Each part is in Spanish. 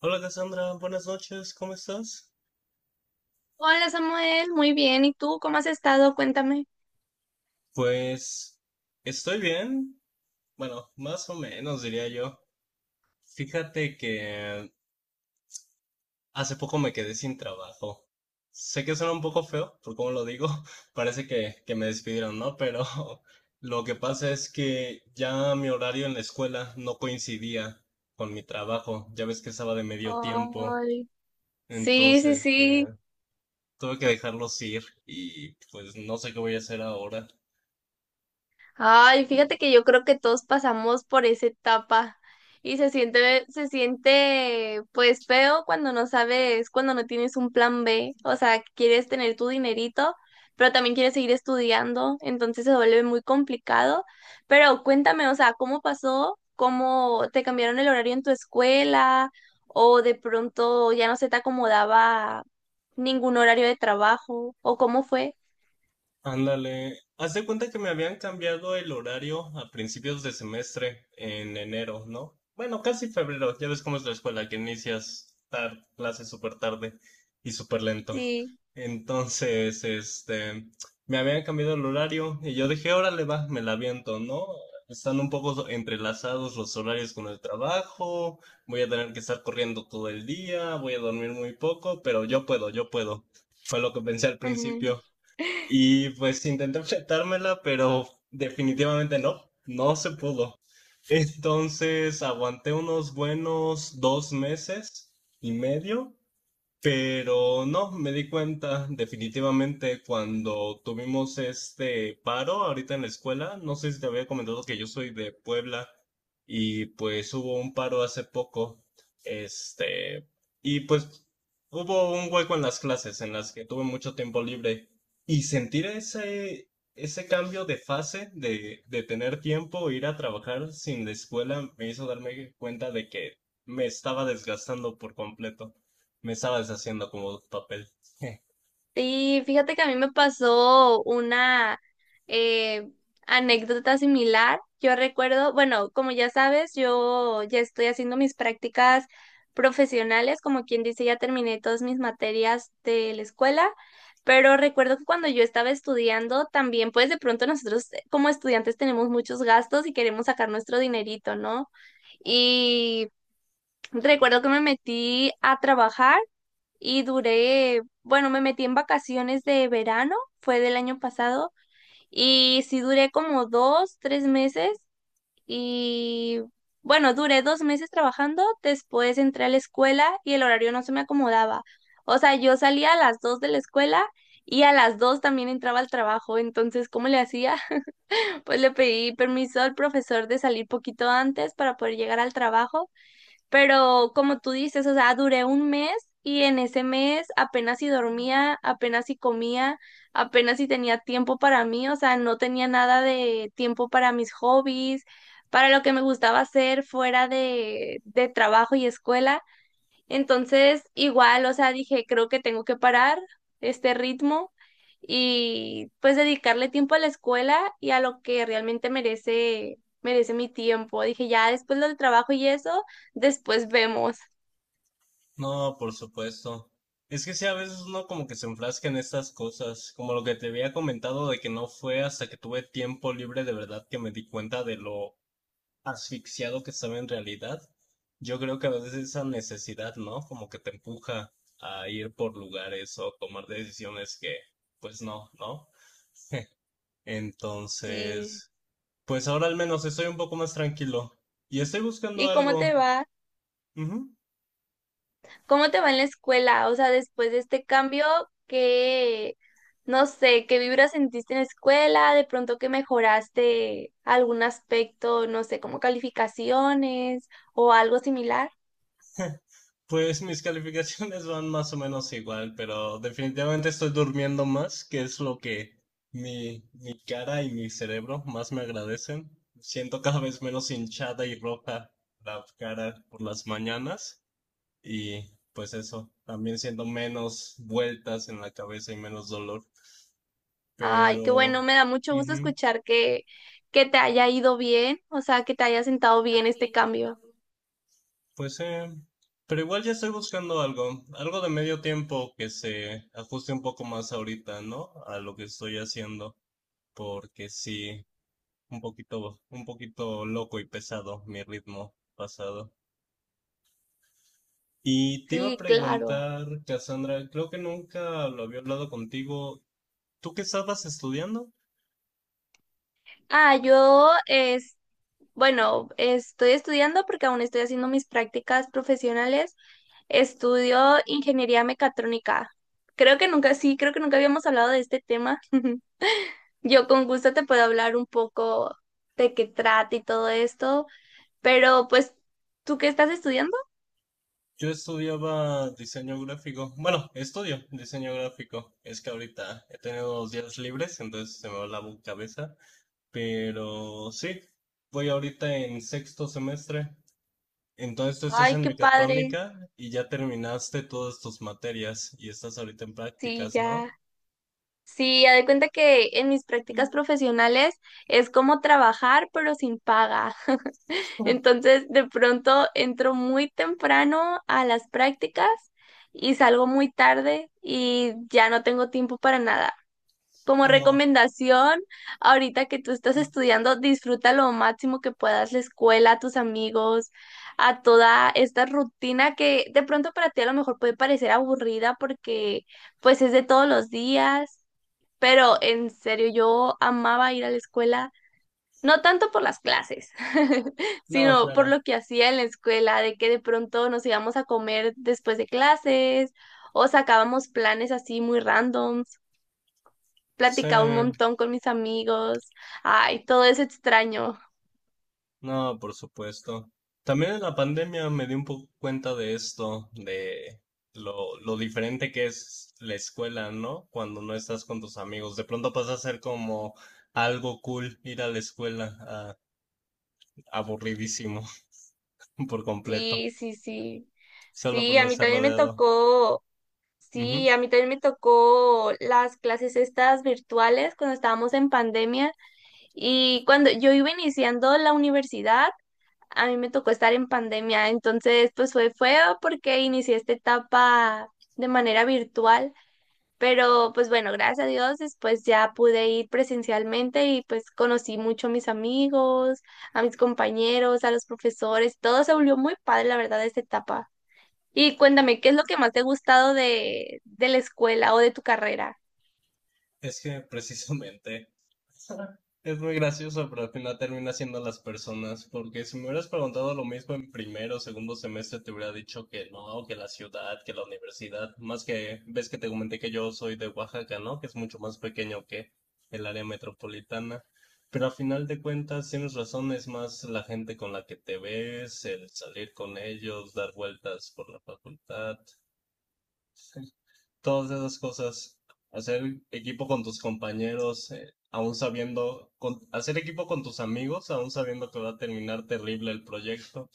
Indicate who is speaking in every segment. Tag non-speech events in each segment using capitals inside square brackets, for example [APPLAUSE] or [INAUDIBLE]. Speaker 1: Hola Cassandra, buenas noches, ¿cómo estás?
Speaker 2: Hola Samuel, muy bien. ¿Y tú cómo has estado? Cuéntame.
Speaker 1: Pues estoy bien, bueno, más o menos diría yo. Fíjate que hace poco me quedé sin trabajo. Sé que suena un poco feo, por cómo lo digo, [LAUGHS] parece que me despidieron, ¿no? Pero [LAUGHS] lo que pasa es que ya mi horario en la escuela no coincidía con mi trabajo, ya ves que estaba de medio tiempo,
Speaker 2: Ay, sí, sí,
Speaker 1: entonces
Speaker 2: sí.
Speaker 1: tuve que dejarlos ir y pues no sé qué voy a hacer ahora.
Speaker 2: Ay, fíjate que yo creo que todos pasamos por esa etapa y se siente pues feo cuando no sabes, cuando no tienes un plan B, o sea, quieres tener tu dinerito, pero también quieres seguir estudiando, entonces se vuelve muy complicado. Pero cuéntame, o sea, ¿cómo pasó? ¿Cómo te cambiaron el horario en tu escuela? ¿O de pronto ya no se te acomodaba ningún horario de trabajo? ¿O cómo fue?
Speaker 1: Ándale, haz de cuenta que me habían cambiado el horario a principios de semestre, en enero, ¿no? Bueno, casi febrero, ya ves cómo es la escuela, que inicias tarde, clases súper tarde y súper lento.
Speaker 2: Sí.
Speaker 1: Entonces, me habían cambiado el horario y yo dije, órale, va, me la aviento, ¿no? Están un poco entrelazados los horarios con el trabajo, voy a tener que estar corriendo todo el día, voy a dormir muy poco, pero yo puedo, yo puedo. Fue lo que pensé al principio. Y pues intenté enfrentármela, pero definitivamente no, no se pudo. Entonces aguanté unos buenos dos meses y medio, pero no, me di cuenta definitivamente cuando tuvimos este paro ahorita en la escuela. No sé si te había comentado que yo soy de Puebla y pues hubo un paro hace poco. Este, y pues hubo un hueco en las clases en las que tuve mucho tiempo libre y sentir ese cambio de fase de tener tiempo, ir a trabajar sin la escuela, me hizo darme cuenta de que me estaba desgastando por completo. Me estaba deshaciendo como papel. [LAUGHS]
Speaker 2: Sí, fíjate que a mí me pasó una eh, anécdota similar. Yo recuerdo, bueno, como ya sabes, yo ya estoy haciendo mis prácticas profesionales, como quien dice, ya terminé todas mis materias de la escuela, pero recuerdo que cuando yo estaba estudiando, también pues de pronto nosotros como estudiantes tenemos muchos gastos y queremos sacar nuestro dinerito, ¿no? Y recuerdo que me metí a trabajar y duré, bueno, me metí en vacaciones de verano, fue del año pasado, y sí duré como 2, 3 meses y bueno, duré 2 meses trabajando, después entré a la escuela y el horario no se me acomodaba. O sea, yo salía a las 2 de la escuela y a las 2 también entraba al trabajo, entonces, ¿cómo le hacía? [LAUGHS] Pues le pedí permiso al profesor de salir poquito antes para poder llegar al trabajo, pero como tú dices, o sea, duré 1 mes y en ese mes apenas si dormía, apenas si comía, apenas si tenía tiempo para mí, o sea, no tenía nada de tiempo para mis hobbies, para lo que me gustaba hacer fuera de trabajo y escuela. Entonces, igual, o sea, dije, creo que tengo que parar este ritmo y pues dedicarle tiempo a la escuela y a lo que realmente merece, merece mi tiempo. Dije, ya después lo del trabajo y eso, después vemos.
Speaker 1: No, por supuesto. Es que sí, a veces uno como que se enfrasca en estas cosas, como lo que te había comentado de que no fue hasta que tuve tiempo libre de verdad que me di cuenta de lo asfixiado que estaba en realidad. Yo creo que a veces esa necesidad, ¿no? Como que te empuja a ir por lugares o tomar decisiones que, pues no, ¿no?
Speaker 2: Sí.
Speaker 1: Entonces, pues ahora al menos estoy un poco más tranquilo y estoy buscando
Speaker 2: ¿Y cómo
Speaker 1: algo.
Speaker 2: te va?
Speaker 1: Ujú.
Speaker 2: ¿Cómo te va en la escuela? O sea, después de este cambio, ¿qué, no sé, qué vibra sentiste en la escuela? ¿De pronto que mejoraste algún aspecto, no sé, como calificaciones o algo similar?
Speaker 1: Pues mis calificaciones van más o menos igual, pero definitivamente estoy durmiendo más, que es lo que mi cara y mi cerebro más me agradecen. Siento cada vez menos hinchada y roja la cara por las mañanas y pues eso, también siento menos vueltas en la cabeza y menos dolor,
Speaker 2: Ay, qué
Speaker 1: pero
Speaker 2: bueno, me da mucho gusto
Speaker 1: ujú,
Speaker 2: escuchar que te haya ido bien, o sea, que te haya sentado bien este cambio.
Speaker 1: pues pero igual ya estoy buscando algo, algo de medio tiempo que se ajuste un poco más ahorita, ¿no? A lo que estoy haciendo. Porque sí, un poquito loco y pesado mi ritmo pasado. Y te iba a
Speaker 2: Sí, claro.
Speaker 1: preguntar, Cassandra, creo que nunca lo había hablado contigo. ¿Tú qué estabas estudiando?
Speaker 2: Ah, yo es, bueno, estoy estudiando porque aún estoy haciendo mis prácticas profesionales. Estudio ingeniería mecatrónica. Creo que nunca, sí, creo que nunca habíamos hablado de este tema. [LAUGHS] Yo con gusto te puedo hablar un poco de qué trata y todo esto, pero pues, ¿tú qué estás estudiando?
Speaker 1: Yo estudiaba diseño gráfico. Bueno, estudio diseño gráfico. Es que ahorita he tenido dos días libres, entonces se me va la cabeza. Pero sí, voy ahorita en sexto semestre. Entonces tú estás
Speaker 2: Ay,
Speaker 1: en
Speaker 2: qué padre.
Speaker 1: mecatrónica y ya terminaste todas tus materias y estás ahorita en
Speaker 2: Sí,
Speaker 1: prácticas, ¿no?
Speaker 2: ya. Sí, haz de cuenta que en mis
Speaker 1: Mm,
Speaker 2: prácticas profesionales es como trabajar pero sin paga. [LAUGHS]
Speaker 1: ah,
Speaker 2: Entonces, de pronto entro muy temprano a las prácticas y salgo muy tarde y ya no tengo tiempo para nada. Como
Speaker 1: no,
Speaker 2: recomendación, ahorita que tú estás estudiando, disfruta lo máximo que puedas la escuela, a tus amigos, a toda esta rutina que de pronto para ti a lo mejor puede parecer aburrida porque pues es de todos los días, pero en serio, yo amaba ir a la escuela, no tanto por las clases, [LAUGHS]
Speaker 1: no,
Speaker 2: sino por
Speaker 1: claro.
Speaker 2: lo que hacía en la escuela, de que de pronto nos íbamos a comer después de clases o sacábamos planes así muy randoms,
Speaker 1: Sí,
Speaker 2: platicaba un montón con mis amigos, ay, todo es extraño.
Speaker 1: no, por supuesto. También en la pandemia me di un poco cuenta de esto, de lo diferente que es la escuela, ¿no? Cuando no estás con tus amigos. De pronto pasa a ser como algo cool ir a la escuela, aburridísimo [LAUGHS] por completo,
Speaker 2: Sí, sí, sí.
Speaker 1: solo por
Speaker 2: Sí,
Speaker 1: no
Speaker 2: a mí
Speaker 1: estar
Speaker 2: también me
Speaker 1: rodeado.
Speaker 2: tocó, sí, a mí también me tocó las clases estas virtuales cuando estábamos en pandemia. Y cuando yo iba iniciando la universidad, a mí me tocó estar en pandemia, entonces pues fue feo porque inicié esta etapa de manera virtual, pero pues bueno, gracias a Dios después ya pude ir presencialmente y pues conocí mucho a mis amigos, a mis compañeros, a los profesores, todo se volvió muy padre, la verdad, esta etapa. Y cuéntame, ¿qué es lo que más te ha gustado de la escuela o de tu carrera?
Speaker 1: Es que precisamente [LAUGHS] es muy gracioso, pero al final termina siendo las personas, porque si me hubieras preguntado lo mismo en primero o segundo semestre, te hubiera dicho que no, que la ciudad, que la universidad, más que ves que te comenté que yo soy de Oaxaca, ¿no? Que es mucho más pequeño que el área metropolitana. Pero al final de cuentas, tienes razón, es más la gente con la que te ves, el salir con ellos, dar vueltas por la facultad, todas esas cosas, hacer equipo con tus compañeros, aún sabiendo, hacer equipo con tus amigos, aún sabiendo que va a terminar terrible el proyecto.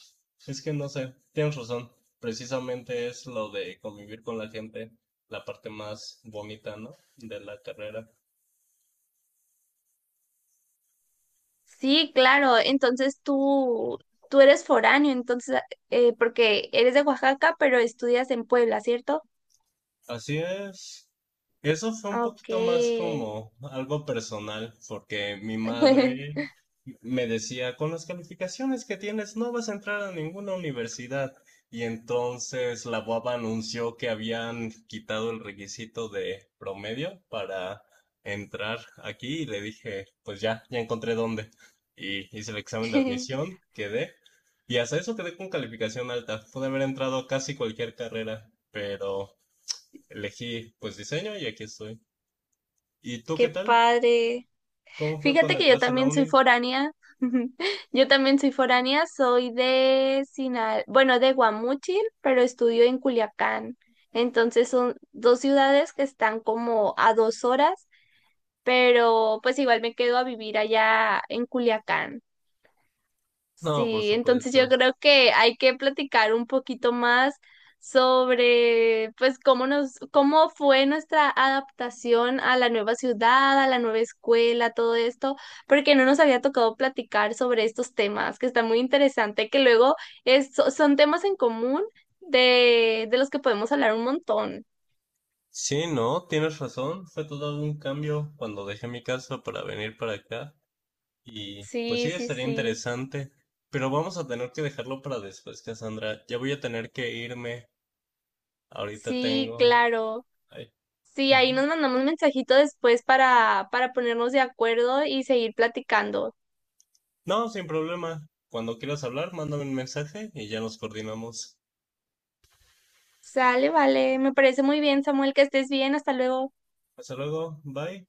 Speaker 1: Es que no sé, tienes razón, precisamente es lo de convivir con la gente, la parte más bonita, ¿no? De la carrera.
Speaker 2: Sí, claro. Entonces tú eres foráneo, entonces, porque eres de Oaxaca, pero estudias en Puebla, ¿cierto?
Speaker 1: Así es. Eso fue un
Speaker 2: Ah, ok.
Speaker 1: poquito más como algo personal, porque mi
Speaker 2: [LAUGHS]
Speaker 1: madre me decía, con las calificaciones que tienes no vas a entrar a ninguna universidad. Y entonces la UABA anunció que habían quitado el requisito de promedio para entrar aquí y le dije, pues ya, ya encontré dónde. Y hice el examen de admisión, quedé. Y hasta eso quedé con calificación alta. Pude haber entrado a casi cualquier carrera, pero elegí pues diseño y aquí estoy. ¿Y tú
Speaker 2: Qué
Speaker 1: qué tal?
Speaker 2: padre.
Speaker 1: ¿Cómo fue
Speaker 2: Fíjate
Speaker 1: cuando
Speaker 2: que yo
Speaker 1: entraste a la
Speaker 2: también soy
Speaker 1: uni?
Speaker 2: foránea. [LAUGHS] Yo también soy foránea, soy de Sinal, bueno, de Guamúchil, pero estudio en Culiacán. Entonces son dos ciudades que están como a 2 horas, pero pues igual me quedo a vivir allá en Culiacán.
Speaker 1: No, por
Speaker 2: Sí, entonces yo
Speaker 1: supuesto.
Speaker 2: creo que hay que platicar un poquito más sobre, pues, cómo nos, cómo fue nuestra adaptación a la nueva ciudad, a la nueva escuela, todo esto, porque no nos había tocado platicar sobre estos temas, que está muy interesante, que luego son temas en común de los que podemos hablar un montón.
Speaker 1: Sí, no, tienes razón. Fue todo un cambio cuando dejé mi casa para venir para acá. Y pues
Speaker 2: Sí,
Speaker 1: sí,
Speaker 2: sí,
Speaker 1: estaría
Speaker 2: sí.
Speaker 1: interesante. Pero vamos a tener que dejarlo para después, Cassandra. Ya voy a tener que irme. Ahorita
Speaker 2: Sí,
Speaker 1: tengo...
Speaker 2: claro.
Speaker 1: ay.
Speaker 2: Sí, ahí nos
Speaker 1: [LAUGHS]
Speaker 2: mandamos un mensajito después para, ponernos de acuerdo y seguir platicando.
Speaker 1: No, sin problema. Cuando quieras hablar, mándame un mensaje y ya nos coordinamos.
Speaker 2: Sale, vale. Me parece muy bien, Samuel, que estés bien. Hasta luego.
Speaker 1: Hasta luego. Bye.